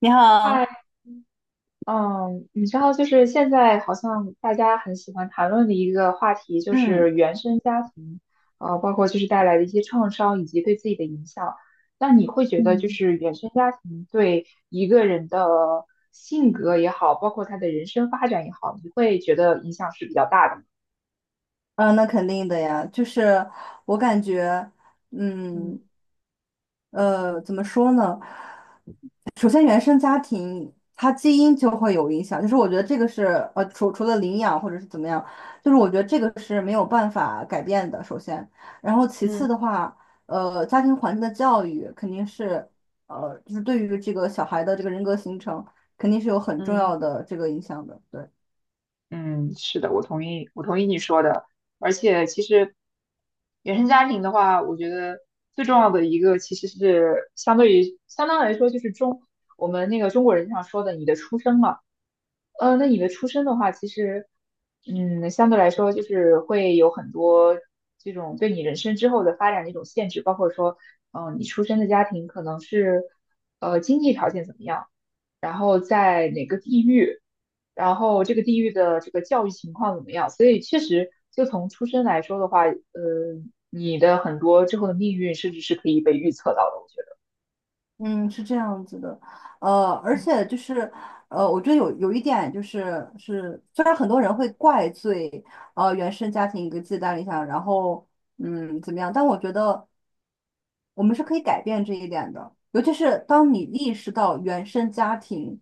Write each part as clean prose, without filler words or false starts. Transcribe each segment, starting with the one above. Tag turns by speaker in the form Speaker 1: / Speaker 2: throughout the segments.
Speaker 1: 你好，
Speaker 2: 嗨，嗯，你知道，就是现在好像大家很喜欢谈论的一个话题，就
Speaker 1: 嗯
Speaker 2: 是原生家庭，包括就是带来的一些创伤以及对自己的影响。那你会觉得，就
Speaker 1: 嗯，
Speaker 2: 是原生家庭对一个人的性格也好，包括他的人生发展也好，你会觉得影响是比较大的吗？
Speaker 1: 嗯，那肯定的呀，就是我感觉，
Speaker 2: 嗯
Speaker 1: 嗯怎么说呢？首先，原生家庭它基因就会有影响，就是我觉得这个是除了领养或者是怎么样，就是我觉得这个是没有办法改变的。首先，然后其次
Speaker 2: 嗯
Speaker 1: 的话，家庭环境的教育肯定是就是对于这个小孩的这个人格形成，肯定是有很重
Speaker 2: 嗯，
Speaker 1: 要的这个影响的。对。
Speaker 2: 嗯，是的，我同意，我同意你说的。而且，其实原生家庭的话，我觉得最重要的一个其实是相对于相当来说，就是我们那个中国人经常说的你的出生嘛。那你的出身的话，其实，相对来说就是会有很多这种对你人生之后的发展的一种限制，包括说，你出生的家庭可能是，经济条件怎么样，然后在哪个地域，然后这个地域的这个教育情况怎么样，所以确实就从出生来说的话，你的很多之后的命运甚至是可以被预测到的，我觉得。
Speaker 1: 嗯，是这样子的，而
Speaker 2: 嗯，
Speaker 1: 且就是，我觉得有一点就是是，虽然很多人会怪罪原生家庭给自己带来影响，然后怎么样，但我觉得我们是可以改变这一点的，尤其是当你意识到原生家庭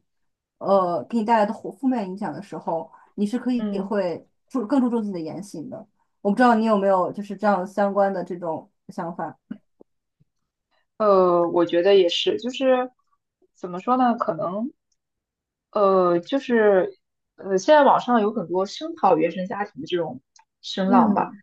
Speaker 1: 给你带来的负面影响的时候，你是可以
Speaker 2: 嗯
Speaker 1: 会更注重自己的言行的。我不知道你有没有就是这样相关的这种想法？
Speaker 2: 呃，我觉得也是，就是怎么说呢？可能就是现在网上有很多声讨原生家庭的这种声浪吧，
Speaker 1: 嗯，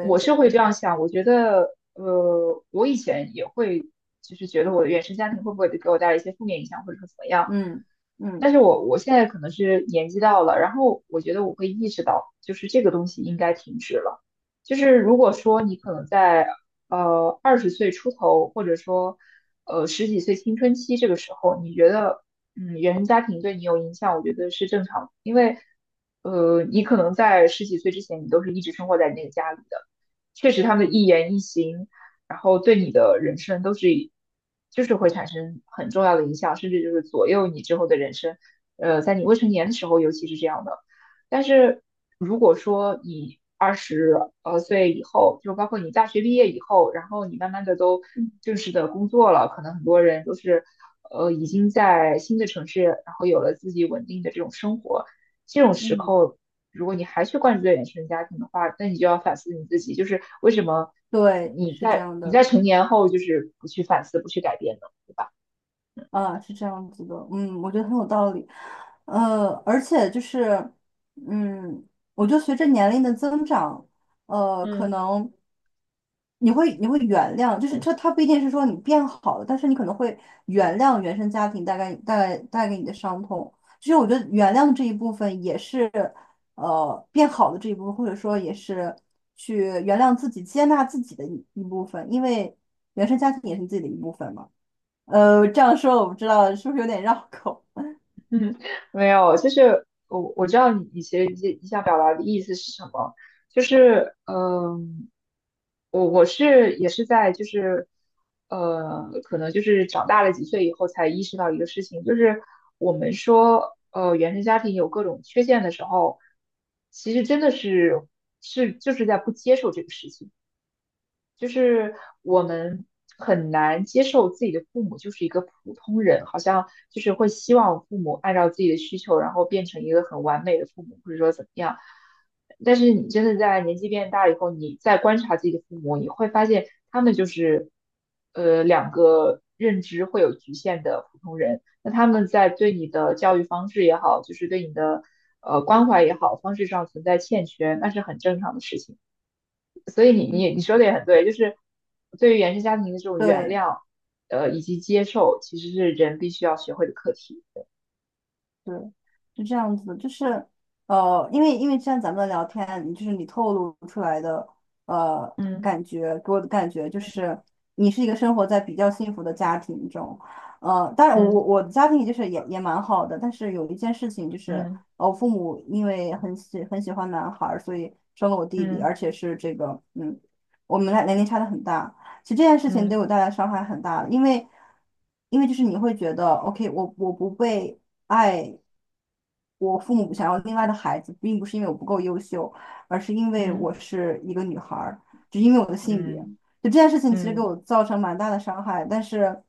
Speaker 2: 我是会这样想。我觉得我以前也会，就是觉得我的原生家庭会不会给我带来一些负面影响，或者说怎么样。
Speaker 1: 嗯嗯。
Speaker 2: 但是我现在可能是年纪到了，然后我觉得我会意识到，就是这个东西应该停止了。就是如果说你可能在二十岁出头，或者说十几岁青春期这个时候，你觉得原生家庭对你有影响，我觉得是正常的，因为你可能在十几岁之前，你都是一直生活在你那个家里的，确实他们的一言一行，然后对你的人生都是就是会产生很重要的影响，甚至就是左右你之后的人生。在你未成年的时候，尤其是这样的。但是如果说你二十岁以后，就包括你大学毕业以后，然后你慢慢的都正式的工作了，可能很多人都是已经在新的城市，然后有了自己稳定的这种生活。这种时
Speaker 1: 嗯，
Speaker 2: 候，如果你还去关注在原生家庭的话，那你就要反思你自己，就是为什么
Speaker 1: 对，
Speaker 2: 你
Speaker 1: 是这
Speaker 2: 在
Speaker 1: 样
Speaker 2: 你
Speaker 1: 的，
Speaker 2: 在成年后就是不去反思、不去改变呢？对吧？
Speaker 1: 啊，是这样子的，嗯，我觉得很有道理，而且就是，嗯，我觉得随着年龄的增长，可
Speaker 2: 嗯，
Speaker 1: 能你会原谅，就是这它不一定是说你变好了，但是你可能会原谅原生家庭带给你的伤痛，其实我觉得原谅这一部分也是，变好的这一部分，或者说也是去原谅自己、接纳自己的一部分，因为原生家庭也是你自己的一部分嘛。这样说我不知道是不是有点绕口。
Speaker 2: 没有，就是我知道你其实你想表达的意思是什么，就是我是也是在就是可能就是长大了几岁以后才意识到一个事情，就是我们说原生家庭有各种缺陷的时候，其实真的是就是在不接受这个事情。就是我们很难接受自己的父母就是一个普通人，好像就是会希望父母按照自己的需求，然后变成一个很完美的父母，或者说怎么样。但是你真的在年纪变大以后，你再观察自己的父母，你会发现他们就是，两个认知会有局限的普通人。那他们在对你的教育方式也好，就是对你的关怀也好，方式上存在欠缺，那是很正常的事情。所以你说的也很对，就是对于原生家庭的这种原
Speaker 1: 对，
Speaker 2: 谅，以及接受，其实是人必须要学会的课题。
Speaker 1: 对，是这样子的，就是因为像咱们的聊天，就是你透露出来的
Speaker 2: 嗯
Speaker 1: 感觉，给我的感觉就是你是一个生活在比较幸福的家庭中，当然我
Speaker 2: 嗯
Speaker 1: 我的家庭就是也蛮好的，但是有一件事情就是，
Speaker 2: 嗯
Speaker 1: 我父母因为很喜欢男孩儿，所以生了我弟弟，
Speaker 2: 嗯
Speaker 1: 而且是这个嗯，我们俩年龄差的很大，其实这件事情对
Speaker 2: 嗯
Speaker 1: 我带来伤害很大的因为就是你会觉得，OK,我不被。爱我父母想要另外的孩子，并不是因为我不够优秀，而是因为
Speaker 2: 嗯
Speaker 1: 我
Speaker 2: 嗯
Speaker 1: 是一个女孩儿，只因为我的性别。
Speaker 2: 嗯
Speaker 1: 就这件事情其实给
Speaker 2: 嗯
Speaker 1: 我造成蛮大的伤害，但是，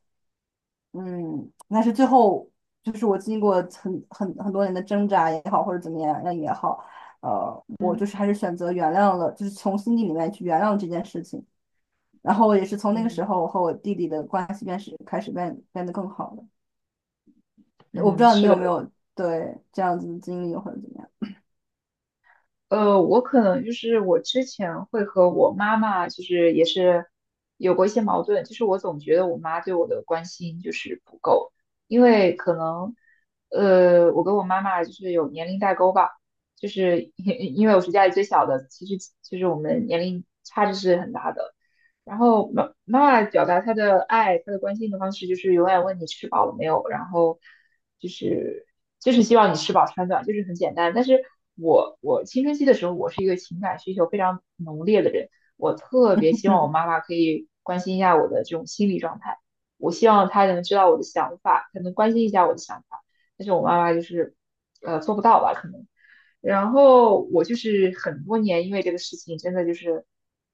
Speaker 1: 嗯，但是最后就是我经过很多年的挣扎也好，或者怎么样也好，我就
Speaker 2: 嗯
Speaker 1: 是还是选择原谅了，就是从心底里面去原谅这件事情。然后也是从那个时
Speaker 2: 嗯
Speaker 1: 候，我和我弟弟的关系开始变得更好了。我不知
Speaker 2: 嗯，
Speaker 1: 道你
Speaker 2: 是
Speaker 1: 有没
Speaker 2: 的。
Speaker 1: 有对这样子的经历或者怎么样。
Speaker 2: 我可能就是我之前会和我妈妈就是也是有过一些矛盾，就是我总觉得我妈对我的关心就是不够，因为可能我跟我妈妈就是有年龄代沟吧，就是 因为我是家里最小的，其实就是我们年龄差距是很大的。然后妈妈表达她的爱、她的关心的方式，就是永远问你吃饱了没有，然后就是就是希望你吃饱穿暖，就是很简单。但是我青春期的时候，我是一个情感需求非常浓烈的人，我特别希望我
Speaker 1: 嗯
Speaker 2: 妈妈可以关心一下我的这种心理状态，我希望她能知道我的想法，她能关心一下我的想法。但是我妈妈就是做不到吧，可能。然后我就是很多年因为这个事情真的就是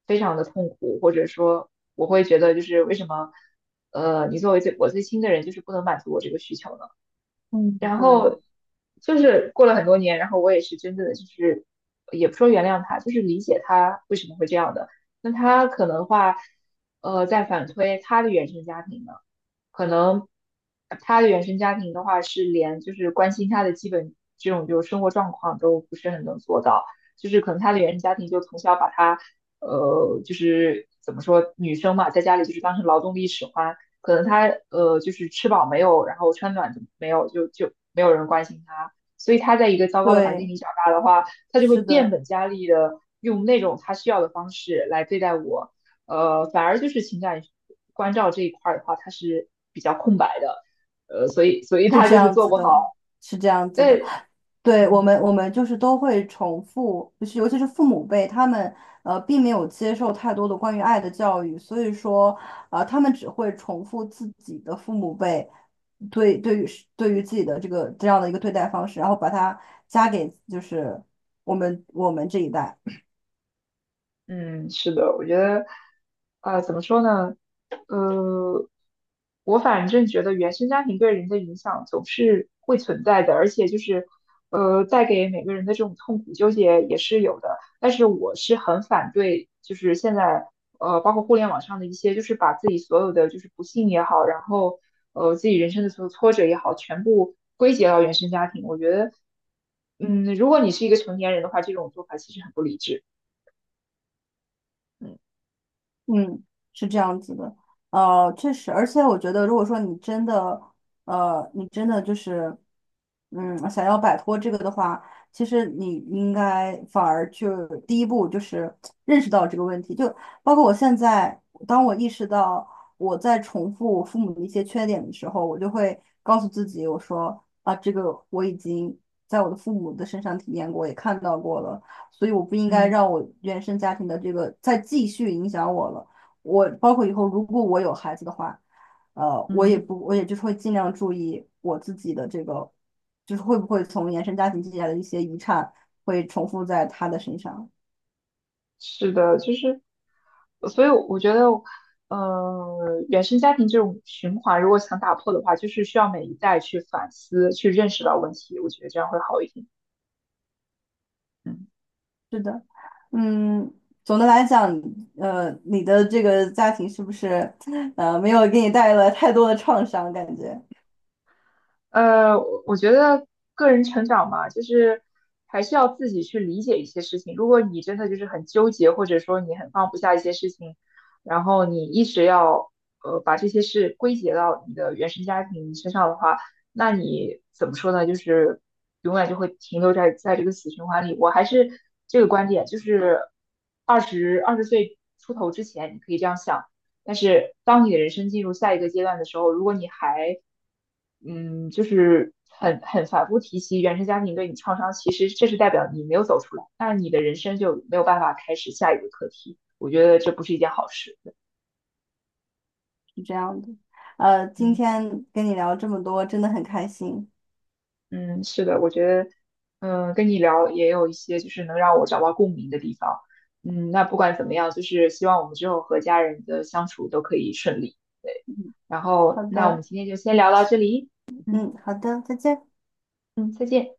Speaker 2: 非常的痛苦，或者说我会觉得就是为什么你作为我最亲的人就是不能满足我这个需求呢？
Speaker 1: 嗯，
Speaker 2: 然
Speaker 1: 对
Speaker 2: 后就是过了很多年，然后我也是真正的就是也不说原谅他，就是理解他为什么会这样的。那他可能话在反推他的原生家庭呢？可能他的原生家庭的话，是连就是关心他的基本这种就是生活状况都不是很能做到，就是可能他的原生家庭就从小把他，就是怎么说，女生嘛，在家里就是当成劳动力使唤，可能他就是吃饱没有，然后穿暖没有，就没有人关心他，所以他在一个糟糕的环境
Speaker 1: 对，
Speaker 2: 里长大的话，他就会
Speaker 1: 是
Speaker 2: 变
Speaker 1: 的，
Speaker 2: 本加厉的用那种他需要的方式来对待我。反而就是情感关照这一块儿的话，它是比较空白的，所以
Speaker 1: 是
Speaker 2: 他
Speaker 1: 这
Speaker 2: 就是
Speaker 1: 样
Speaker 2: 做
Speaker 1: 子
Speaker 2: 不
Speaker 1: 的，
Speaker 2: 好。
Speaker 1: 是这样子的。
Speaker 2: 对，
Speaker 1: 对我
Speaker 2: 嗯。
Speaker 1: 们，我们就是都会重复，就是尤其是父母辈，他们并没有接受太多的关于爱的教育，所以说他们只会重复自己的父母辈对于自己的这个这样的一个对待方式，然后把它加给就是我们这一代。
Speaker 2: 嗯，是的，我觉得，怎么说呢？呃，我反正觉得原生家庭对人的影响总是会存在的，而且就是，带给每个人的这种痛苦纠结也是有的。但是我是很反对，就是现在，包括互联网上的一些，就是把自己所有的就是不幸也好，然后自己人生的所有挫折也好，全部归结到原生家庭。我觉得，如果你是一个成年人的话，这种做法其实很不理智。嗯
Speaker 1: 嗯，是这样子的，确实，而且我觉得，如果说你真的，你真的就是，嗯，想要摆脱这个的话，其实你应该反而就第一步就是认识到这个问题，就包括我现在，当我意识到我在重复我父母的一些缺点的时候，我就会告诉自己，我说啊，这个我已经在我的父母的身上体验过，也看到过了。所以我不应该
Speaker 2: 嗯。
Speaker 1: 让我原生家庭的这个再继续影响我了。我包括以后如果我有孩子的话，我也
Speaker 2: 嗯，
Speaker 1: 不，我也就是会尽量注意我自己的这个，就是会不会从原生家庭积累的一些遗产会重复在他的身上。
Speaker 2: 是的，就是，所以我觉得，呃，原生家庭这种循环，如果想打破的话，就是需要每一代去反思，去认识到问题，我觉得这样会好一点。嗯。
Speaker 1: 是的，嗯，总的来讲，你的这个家庭是不是，没有给你带来太多的创伤？感觉
Speaker 2: 我觉得个人成长嘛，就是还是要自己去理解一些事情。如果你真的就是很纠结，或者说你很放不下一些事情，然后你一直要把这些事归结到你的原生家庭身上的话，那你怎么说呢？就是永远就会停留在这个死循环里。我还是这个观点，就是二十岁出头之前，你可以这样想。但是当你的人生进入下一个阶段的时候，如果你还就是很反复提起原生家庭对你创伤，其实这是代表你没有走出来，那你的人生就没有办法开始下一个课题。我觉得这不是一件好事。
Speaker 1: 是这样的。今
Speaker 2: 嗯
Speaker 1: 天跟你聊这么多，真的很开心。
Speaker 2: 嗯，是的，我觉得跟你聊也有一些就是能让我找到共鸣的地方。嗯，那不管怎么样，就是希望我们之后和家人的相处都可以顺利。
Speaker 1: 嗯
Speaker 2: 然
Speaker 1: 好
Speaker 2: 后，那我们
Speaker 1: 的。
Speaker 2: 今天就先聊到这里。嗯
Speaker 1: 嗯，好的，再见。
Speaker 2: 嗯，再见。